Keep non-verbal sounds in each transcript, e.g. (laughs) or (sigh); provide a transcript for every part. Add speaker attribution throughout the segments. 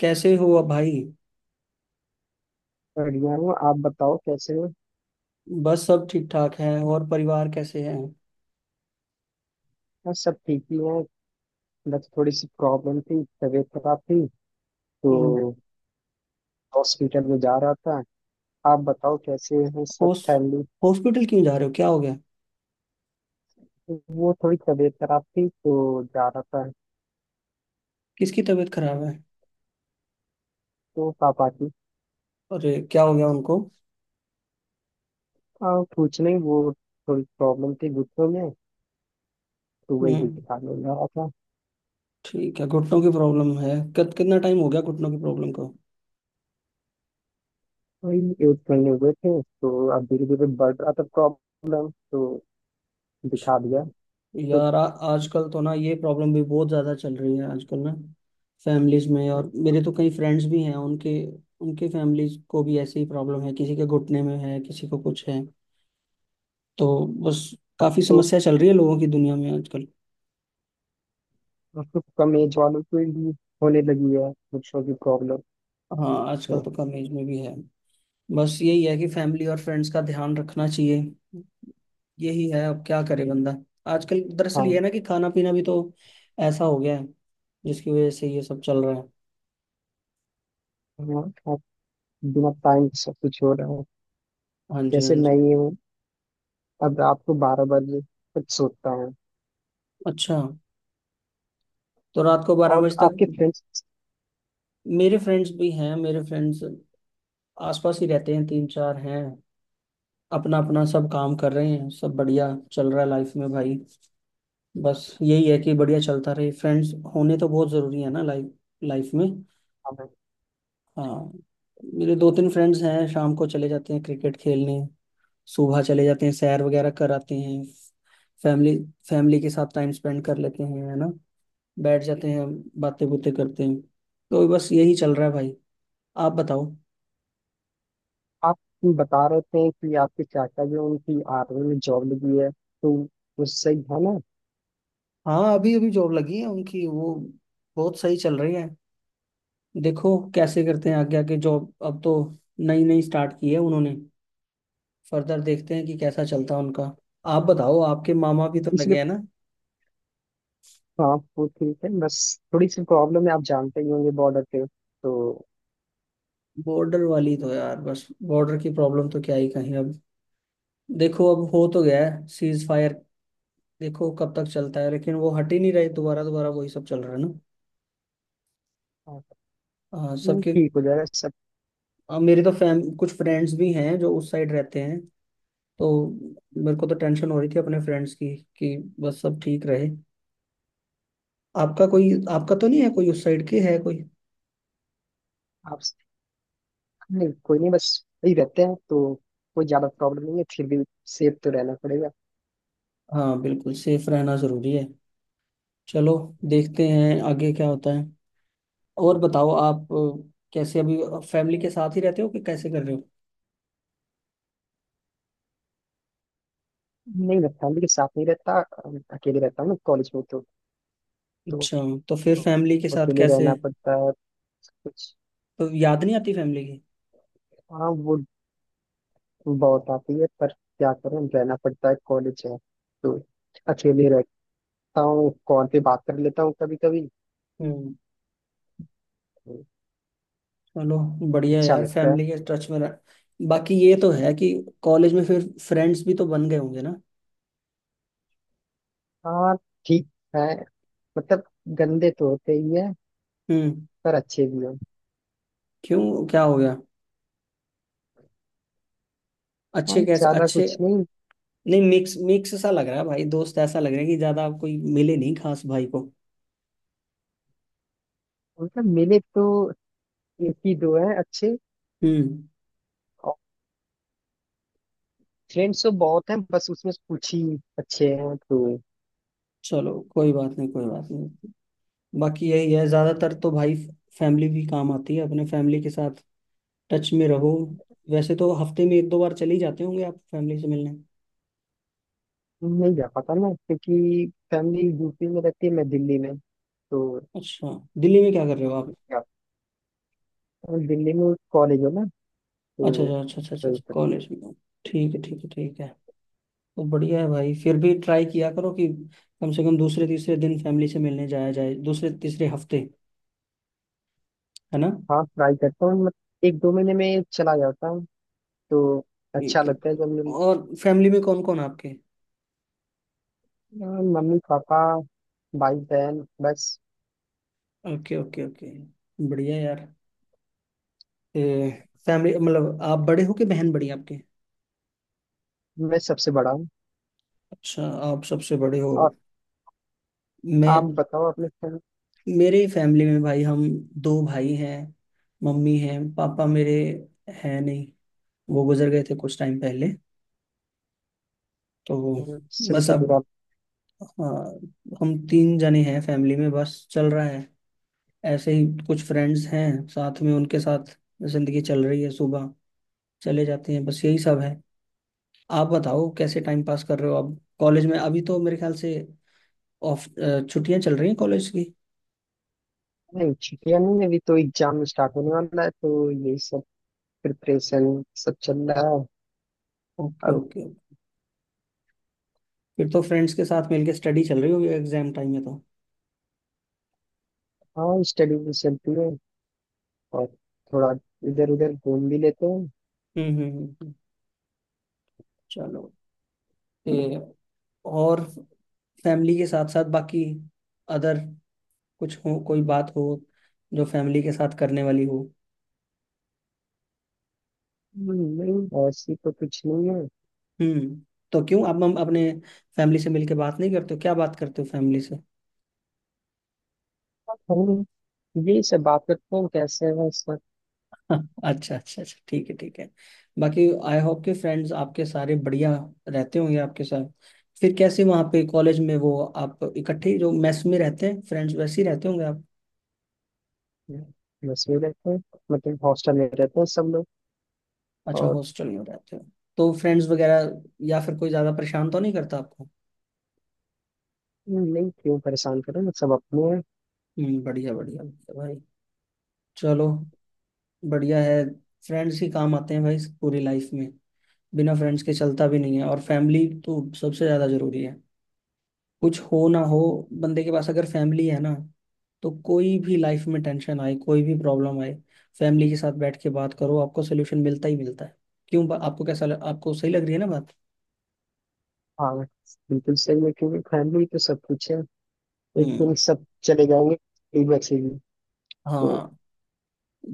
Speaker 1: कैसे हो अब भाई।
Speaker 2: बढ़िया हूँ। आप बताओ कैसे हो।
Speaker 1: बस सब ठीक ठाक है और परिवार कैसे है।
Speaker 2: बस सब ठीक ही है। बस थोड़ी सी प्रॉब्लम थी, तबीयत खराब थी, तो
Speaker 1: हम्म।
Speaker 2: हॉस्पिटल में जा रहा था। आप बताओ कैसे हैं सब
Speaker 1: होस
Speaker 2: फैमिली।
Speaker 1: हॉस्पिटल क्यों जा रहे हो क्या हो गया।
Speaker 2: वो थोड़ी तबीयत खराब थी तो जा रहा था।
Speaker 1: किसकी तबीयत खराब है।
Speaker 2: तो पापा की।
Speaker 1: अरे क्या हो गया उनको।
Speaker 2: कुछ नहीं, वो थोड़ी प्रॉब्लम थी घुटनों में, तो वही
Speaker 1: हम्म।
Speaker 2: दिखाने जा रहा था।
Speaker 1: ठीक है घुटनों की प्रॉब्लम है कितना टाइम हो गया घुटनों की प्रॉब्लम को।
Speaker 2: वही, एक महीने हुए थे, तो अब धीरे धीरे बढ़ रहा था प्रॉब्लम, तो
Speaker 1: अच्छा।
Speaker 2: दिखा दिया। तो,
Speaker 1: यार, आजकल तो ना ये प्रॉब्लम भी बहुत ज़्यादा चल रही है आजकल ना। फैमिलीज में और मेरे तो कई फ्रेंड्स भी हैं उनके। उनके फैमिलीज को भी ऐसी ही प्रॉब्लम है किसी के घुटने में है किसी को कुछ है। तो बस काफ़ी
Speaker 2: तो,
Speaker 1: समस्या चल रही है लोगों की दुनिया में आजकल।
Speaker 2: तो कम एज वालों को भी होने लगी है घुटनों की प्रॉब्लम,
Speaker 1: हाँ आजकल
Speaker 2: तो
Speaker 1: तो कम एज में भी है। बस यही है कि फैमिली और फ्रेंड्स का ध्यान रखना चाहिए। यही है अब क्या करे बंदा। आजकल दरअसल ये है
Speaker 2: हाँ।
Speaker 1: ना कि खाना पीना भी तो ऐसा हो गया है जिसकी वजह से ये सब चल रहा है।
Speaker 2: हाँ, आप, बिना टाइम सब कुछ हो रहा है।
Speaker 1: हाँ जी, हाँ
Speaker 2: जैसे मैं
Speaker 1: जी।
Speaker 2: ये हूँ, अब रात को 12 बजे तक सोता हूँ।
Speaker 1: अच्छा। तो रात को बारह
Speaker 2: और
Speaker 1: बजे तक।
Speaker 2: आपके फ्रेंड्स,
Speaker 1: मेरे फ्रेंड्स भी हैं। मेरे फ्रेंड्स आसपास ही रहते हैं तीन चार हैं। अपना अपना सब काम कर रहे हैं सब बढ़िया चल रहा है लाइफ में भाई। बस यही है कि बढ़िया चलता रहे फ्रेंड्स होने तो बहुत जरूरी है ना लाइफ लाइफ में। हाँ। मेरे दो तीन फ्रेंड्स हैं शाम को चले जाते हैं क्रिकेट खेलने। सुबह चले जाते हैं सैर वगैरह कर आते हैं। फैमिली फैमिली के साथ टाइम स्पेंड कर लेते हैं है ना। बैठ जाते हैं। बातें बुतें करते हैं। तो बस यही चल रहा है भाई। आप बताओ।
Speaker 2: आप बता रहे थे कि आपके चाचा जो हैं, उनकी आर्मी में जॉब लगी है, तो वो सही है ना।
Speaker 1: हाँ अभी अभी जॉब लगी है उनकी वो। बहुत सही चल रही है। देखो कैसे करते हैं आगे आगे जॉब अब तो। नई नई स्टार्ट की है उन्होंने। फर्दर देखते हैं कि कैसा चलता है उनका। आप बताओ आपके मामा भी
Speaker 2: तो
Speaker 1: तो
Speaker 2: इसलिए,
Speaker 1: लगे हैं ना।
Speaker 2: हाँ वो ठीक है, बस थोड़ी सी प्रॉब्लम है, आप जानते ही होंगे बॉर्डर पे, तो
Speaker 1: बॉर्डर वाली तो यार, बस बॉर्डर की प्रॉब्लम तो क्या ही कहीं अब। देखो अब हो तो गया है सीज फायर। देखो कब तक चलता है लेकिन वो हट ही नहीं रही दोबारा दोबारा वही सब चल रहा है ना।
Speaker 2: हाँ।
Speaker 1: आ, सबके
Speaker 2: ठीक हो जाएगा सब।
Speaker 1: मेरे तो फैम कुछ फ्रेंड्स भी हैं जो उस साइड रहते हैं। तो मेरे को तो टेंशन हो रही थी अपने फ्रेंड्स की कि बस सब ठीक रहे। आपका कोई, आपका तो नहीं है कोई उस साइड के, है कोई।
Speaker 2: आप। नहीं कोई नहीं, बस सही रहते हैं, तो कोई ज्यादा प्रॉब्लम नहीं है, फिर भी सेफ तो रहना पड़ेगा।
Speaker 1: हाँ बिल्कुल सेफ रहना जरूरी है। चलो। देखते हैं आगे क्या होता है। और बताओ आप कैसे अभी फैमिली के साथ ही रहते हो कि कैसे कर रहे हो।
Speaker 2: नहीं मैं फैमिली के साथ नहीं रहता, अकेले रहता हूँ ना, कॉलेज में तो। तो
Speaker 1: अच्छा। तो फिर फैमिली के साथ
Speaker 2: अकेले
Speaker 1: कैसे।
Speaker 2: रहना पड़ता है। कुछ।
Speaker 1: तो याद नहीं आती फैमिली की।
Speaker 2: हाँ वो, बहुत आती है पर क्या करें, रहना पड़ता है, कॉलेज है, तो अकेले रहता हूँ। कॉल पे बात कर लेता हूँ कभी कभी।
Speaker 1: हम्म। चलो। बढ़िया है
Speaker 2: अच्छा
Speaker 1: यार
Speaker 2: लगता है।
Speaker 1: फैमिली के टच में रह। बाकी ये तो है कि कॉलेज में फिर फ्रेंड्स भी तो बन गए होंगे ना।
Speaker 2: हाँ, ठीक है। मतलब गंदे तो होते ही है,
Speaker 1: हम्म।
Speaker 2: पर अच्छे भी हैं।
Speaker 1: क्यों क्या हो गया।
Speaker 2: हाँ,
Speaker 1: अच्छे, कैसे
Speaker 2: ज्यादा
Speaker 1: अच्छे।
Speaker 2: कुछ नहीं।
Speaker 1: नहीं मिक्स मिक्स सा लग रहा है भाई दोस्त, ऐसा लग रहा है कि ज्यादा कोई मिले नहीं खास भाई को।
Speaker 2: मतलब मिले तो एक ही दो हैं अच्छे।
Speaker 1: हम्म।
Speaker 2: और फ्रेंड्स तो बहुत हैं, बस उसमें से कुछ ही अच्छे हैं, तो
Speaker 1: चलो कोई बात नहीं, कोई बात नहीं। बाकी यही है ज्यादातर तो भाई। फैमिली भी काम आती है अपने फैमिली के साथ टच में रहो। वैसे तो हफ्ते में एक दो बार चले ही जाते होंगे आप फैमिली से मिलने।
Speaker 2: नहीं जा पाता ना, क्योंकि फैमिली यूपी में रहती है, मैं दिल्ली में, तो
Speaker 1: अच्छा। दिल्ली में क्या कर रहे हो आप।
Speaker 2: क्या। दिल्ली में कॉलेज है ना,
Speaker 1: अच्छा
Speaker 2: तो।
Speaker 1: अच्छा अच्छा, अच्छा अच्छा
Speaker 2: तो
Speaker 1: अच्छा, कॉलेज में हो। ठीक है, ठीक है, ठीक है। तो बढ़िया है भाई फिर भी ट्राई किया करो कि कम से कम दूसरे तीसरे दिन फैमिली से मिलने जाया जाए दूसरे तीसरे हफ्ते, है ना।
Speaker 2: हाँ, ट्राई करता हूँ, मतलब एक दो महीने में चला जाता हूँ, तो अच्छा
Speaker 1: ठीक है।
Speaker 2: लगता है जब मेरी।
Speaker 1: और फैमिली में कौन कौन आपके।
Speaker 2: हाँ, मम्मी पापा, भाई बहन बस।
Speaker 1: Okay okay okay. बढ़िया यार। फैमिली मतलब आप बड़े हो कि बहन बड़ी है आपके।
Speaker 2: मैं सबसे बड़ा हूँ।
Speaker 1: अच्छा आप सबसे बड़े हो।
Speaker 2: और आप
Speaker 1: मैं
Speaker 2: बताओ अपने friend-।
Speaker 1: मेरे फैमिली में भाई, हम दो भाई हैं। मम्मी हैं, पापा मेरे हैं नहीं। वो गुजर गए थे कुछ टाइम पहले। तो
Speaker 2: सुन
Speaker 1: बस
Speaker 2: के
Speaker 1: अब।
Speaker 2: बुरा।
Speaker 1: हाँ। हम तीन जने हैं फैमिली में बस चल रहा है। ऐसे ही कुछ फ्रेंड्स हैं साथ में उनके साथ जिंदगी चल रही है। सुबह चले जाते हैं बस यही सब है। आप बताओ कैसे टाइम पास कर रहे हो आप कॉलेज में अभी तो मेरे ख्याल से ऑफ छुट्टियां चल रही हैं कॉलेज की।
Speaker 2: नहीं, छुट्टियाँ नहीं है, अभी तो एग्जाम स्टार्ट होने वाला है, तो ये सब प्रिपरेशन सब चल रहा है
Speaker 1: ओके
Speaker 2: अब।
Speaker 1: ओके। फिर तो फ्रेंड्स के साथ मिलके स्टडी चल रही होगी एग्जाम टाइम में तो।
Speaker 2: हाँ, स्टडी भी चलती है, और थोड़ा इधर उधर घूम भी लेते हैं।
Speaker 1: हम्म हम्म हम्म, हम्म। चलो। ते और फैमिली के साथ साथ बाकी अदर कुछ हो, कोई बात हो जो फैमिली के साथ करने वाली हो।
Speaker 2: हम्म, नहीं ऐसी तो कुछ नहीं है।
Speaker 1: हम्म। तो क्यों आप, हम अपने फैमिली से मिलके बात नहीं करते हो, क्या बात करते हो फैमिली से। (laughs)
Speaker 2: हम यही सब बात करते हैं, कैसे है इस वक्त।
Speaker 1: हाँ, अच्छा अच्छा अच्छा, ठीक है ठीक है। बाकी आई होप के फ्रेंड्स आपके सारे बढ़िया रहते होंगे आपके साथ। फिर कैसे वहाँ पे कॉलेज में वो आप इकट्ठे ही जो मेस में रहते हैं फ्रेंड्स वैसे ही रहते होंगे आप।
Speaker 2: बस में रहते हैं, मतलब हॉस्टल में रहते हैं सब लोग।
Speaker 1: अच्छा
Speaker 2: और
Speaker 1: हॉस्टल में रहते हो। तो फ्रेंड्स वगैरह या फिर कोई ज्यादा परेशान तो नहीं करता आपको।
Speaker 2: नहीं क्यों परेशान करें ना, सब अपने हैं।
Speaker 1: हम्म। बढ़िया बढ़िया बढ़िया भाई। चलो। बढ़िया है। फ्रेंड्स ही काम आते हैं भाई पूरी लाइफ में। बिना फ्रेंड्स के चलता भी नहीं है और फैमिली तो सबसे ज्यादा जरूरी है। कुछ हो ना हो, बंदे के पास अगर फैमिली है ना, तो कोई भी लाइफ में टेंशन आए, कोई भी प्रॉब्लम आए, फैमिली के साथ बैठ के बात करो, आपको सोल्यूशन मिलता ही मिलता है। क्यों आपको आपको सही लग रही है ना बात।
Speaker 2: हाँ बिल्कुल सही है, क्योंकि फैमिली तो सब कुछ है। एक दिन
Speaker 1: हम्म।
Speaker 2: सब चले जाएंगे, एक बच्चे भी, तो
Speaker 1: हाँ।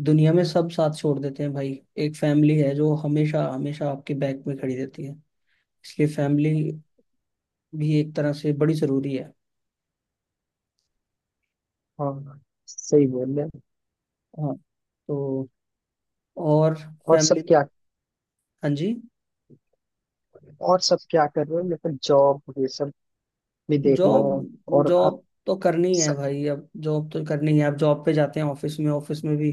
Speaker 1: दुनिया में सब साथ छोड़ देते हैं भाई। एक फैमिली है जो हमेशा हमेशा आपके बैक में खड़ी रहती है। इसलिए फैमिली भी एक तरह से बड़ी जरूरी है।
Speaker 2: हाँ, सही बोल रहे हैं।
Speaker 1: हाँ। तो और
Speaker 2: और सब
Speaker 1: फैमिली।
Speaker 2: क्या।
Speaker 1: हाँ जी।
Speaker 2: और सब क्या कर रहे हैं, मतलब जॉब ये सब भी देखना
Speaker 1: जॉब।
Speaker 2: है। और आप,
Speaker 1: जॉब तो करनी है भाई, अब जॉब तो करनी है, अब जॉब पे जाते हैं ऑफिस में, ऑफिस में भी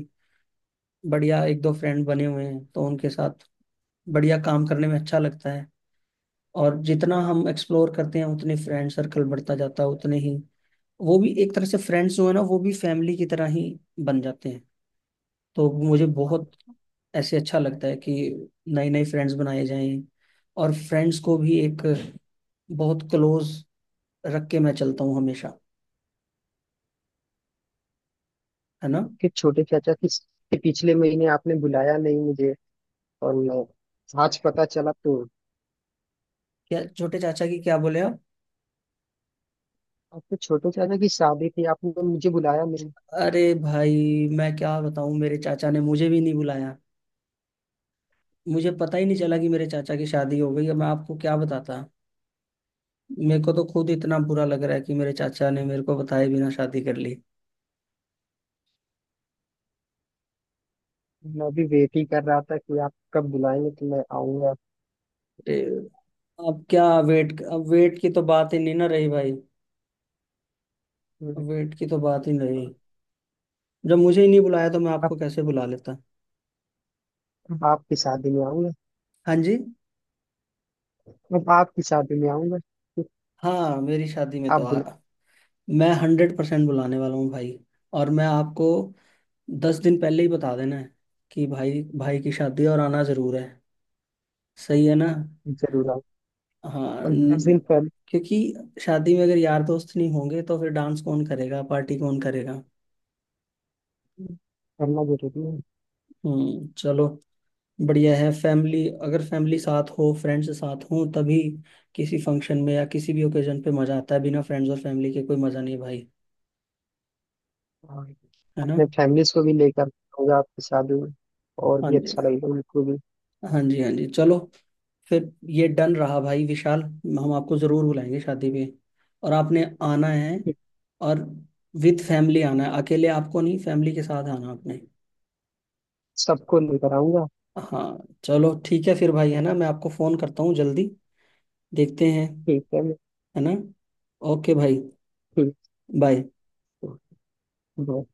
Speaker 1: बढ़िया एक दो फ्रेंड बने हुए हैं तो उनके साथ बढ़िया काम करने में अच्छा लगता है। और जितना हम एक्सप्लोर करते हैं उतने फ्रेंड सर्कल बढ़ता जाता है, उतने ही वो भी एक तरह से फ्रेंड्स जो है ना वो भी फैमिली की तरह ही बन जाते हैं। तो मुझे बहुत ऐसे अच्छा लगता है कि नए नए फ्रेंड्स बनाए जाएं और फ्रेंड्स को भी एक बहुत क्लोज रख के मैं चलता हूँ हमेशा, है ना।
Speaker 2: उसके छोटे चाचा, किस के पिछले महीने आपने बुलाया नहीं मुझे, और मैं आज पता चला, तो
Speaker 1: क्या छोटे चाचा की क्या बोले आप।
Speaker 2: आपके छोटे चाचा की शादी थी, आपने तो मुझे बुलाया नहीं।
Speaker 1: अरे भाई मैं क्या बताऊं मेरे चाचा ने मुझे भी नहीं बुलाया। मुझे पता ही नहीं चला कि मेरे चाचा की शादी हो गई, अब मैं आपको क्या बताता। मेरे को तो खुद इतना बुरा लग रहा है कि मेरे चाचा ने मेरे को बताए बिना शादी कर ली।
Speaker 2: मैं भी वेट ही कर रहा था कि आप कब बुलाएंगे तो मैं आऊंगा।
Speaker 1: अरे। अब क्या वेट, अब वेट की तो बात ही नहीं ना रही भाई। अब वेट की तो बात ही नहीं रही। जब मुझे ही नहीं बुलाया तो मैं
Speaker 2: अब
Speaker 1: आपको कैसे बुला लेता।
Speaker 2: अब आपकी शादी में आऊंगा।
Speaker 1: हाँ जी।
Speaker 2: अब आपकी शादी में आऊंगा, तो
Speaker 1: हाँ मेरी शादी में तो
Speaker 2: आप
Speaker 1: आ,
Speaker 2: बुला।
Speaker 1: मैं 100% बुलाने वाला हूँ भाई। और मैं आपको 10 दिन पहले ही बता देना है कि भाई, भाई की शादी है और आना जरूर है। सही है ना।
Speaker 2: जरूर आओ।
Speaker 1: हाँ
Speaker 2: और दस दिन पहले
Speaker 1: क्योंकि शादी में अगर यार दोस्त नहीं होंगे तो फिर डांस कौन करेगा, पार्टी कौन करेगा।
Speaker 2: करना जरूरी है।
Speaker 1: हम्म। चलो। बढ़िया है फैमिली, अगर फैमिली साथ हो फ्रेंड्स साथ हो तभी किसी फंक्शन में या किसी भी ओकेजन पे मजा आता है, बिना फ्रेंड्स और फैमिली के कोई मजा नहीं भाई,
Speaker 2: और
Speaker 1: है ना।
Speaker 2: अपने फैमिलीज को भी लेकर आऊंगा आपकी शादी में, और
Speaker 1: हाँ
Speaker 2: भी
Speaker 1: जी,
Speaker 2: अच्छा लगेगा उनको भी।
Speaker 1: हाँ जी, हाँ जी। चलो। फिर ये डन रहा भाई विशाल। हम आपको जरूर बुलाएंगे शादी पे। और आपने आना है, और विद फैमिली आना है, अकेले आपको नहीं, फैमिली के साथ आना आपने।
Speaker 2: सबको लेकर आऊंगा।
Speaker 1: हाँ। चलो ठीक है फिर भाई, है ना, मैं आपको फोन करता हूँ जल्दी। देखते हैं।
Speaker 2: ठीक
Speaker 1: है ना। ओके भाई।
Speaker 2: है।
Speaker 1: बाय।
Speaker 2: कर दो।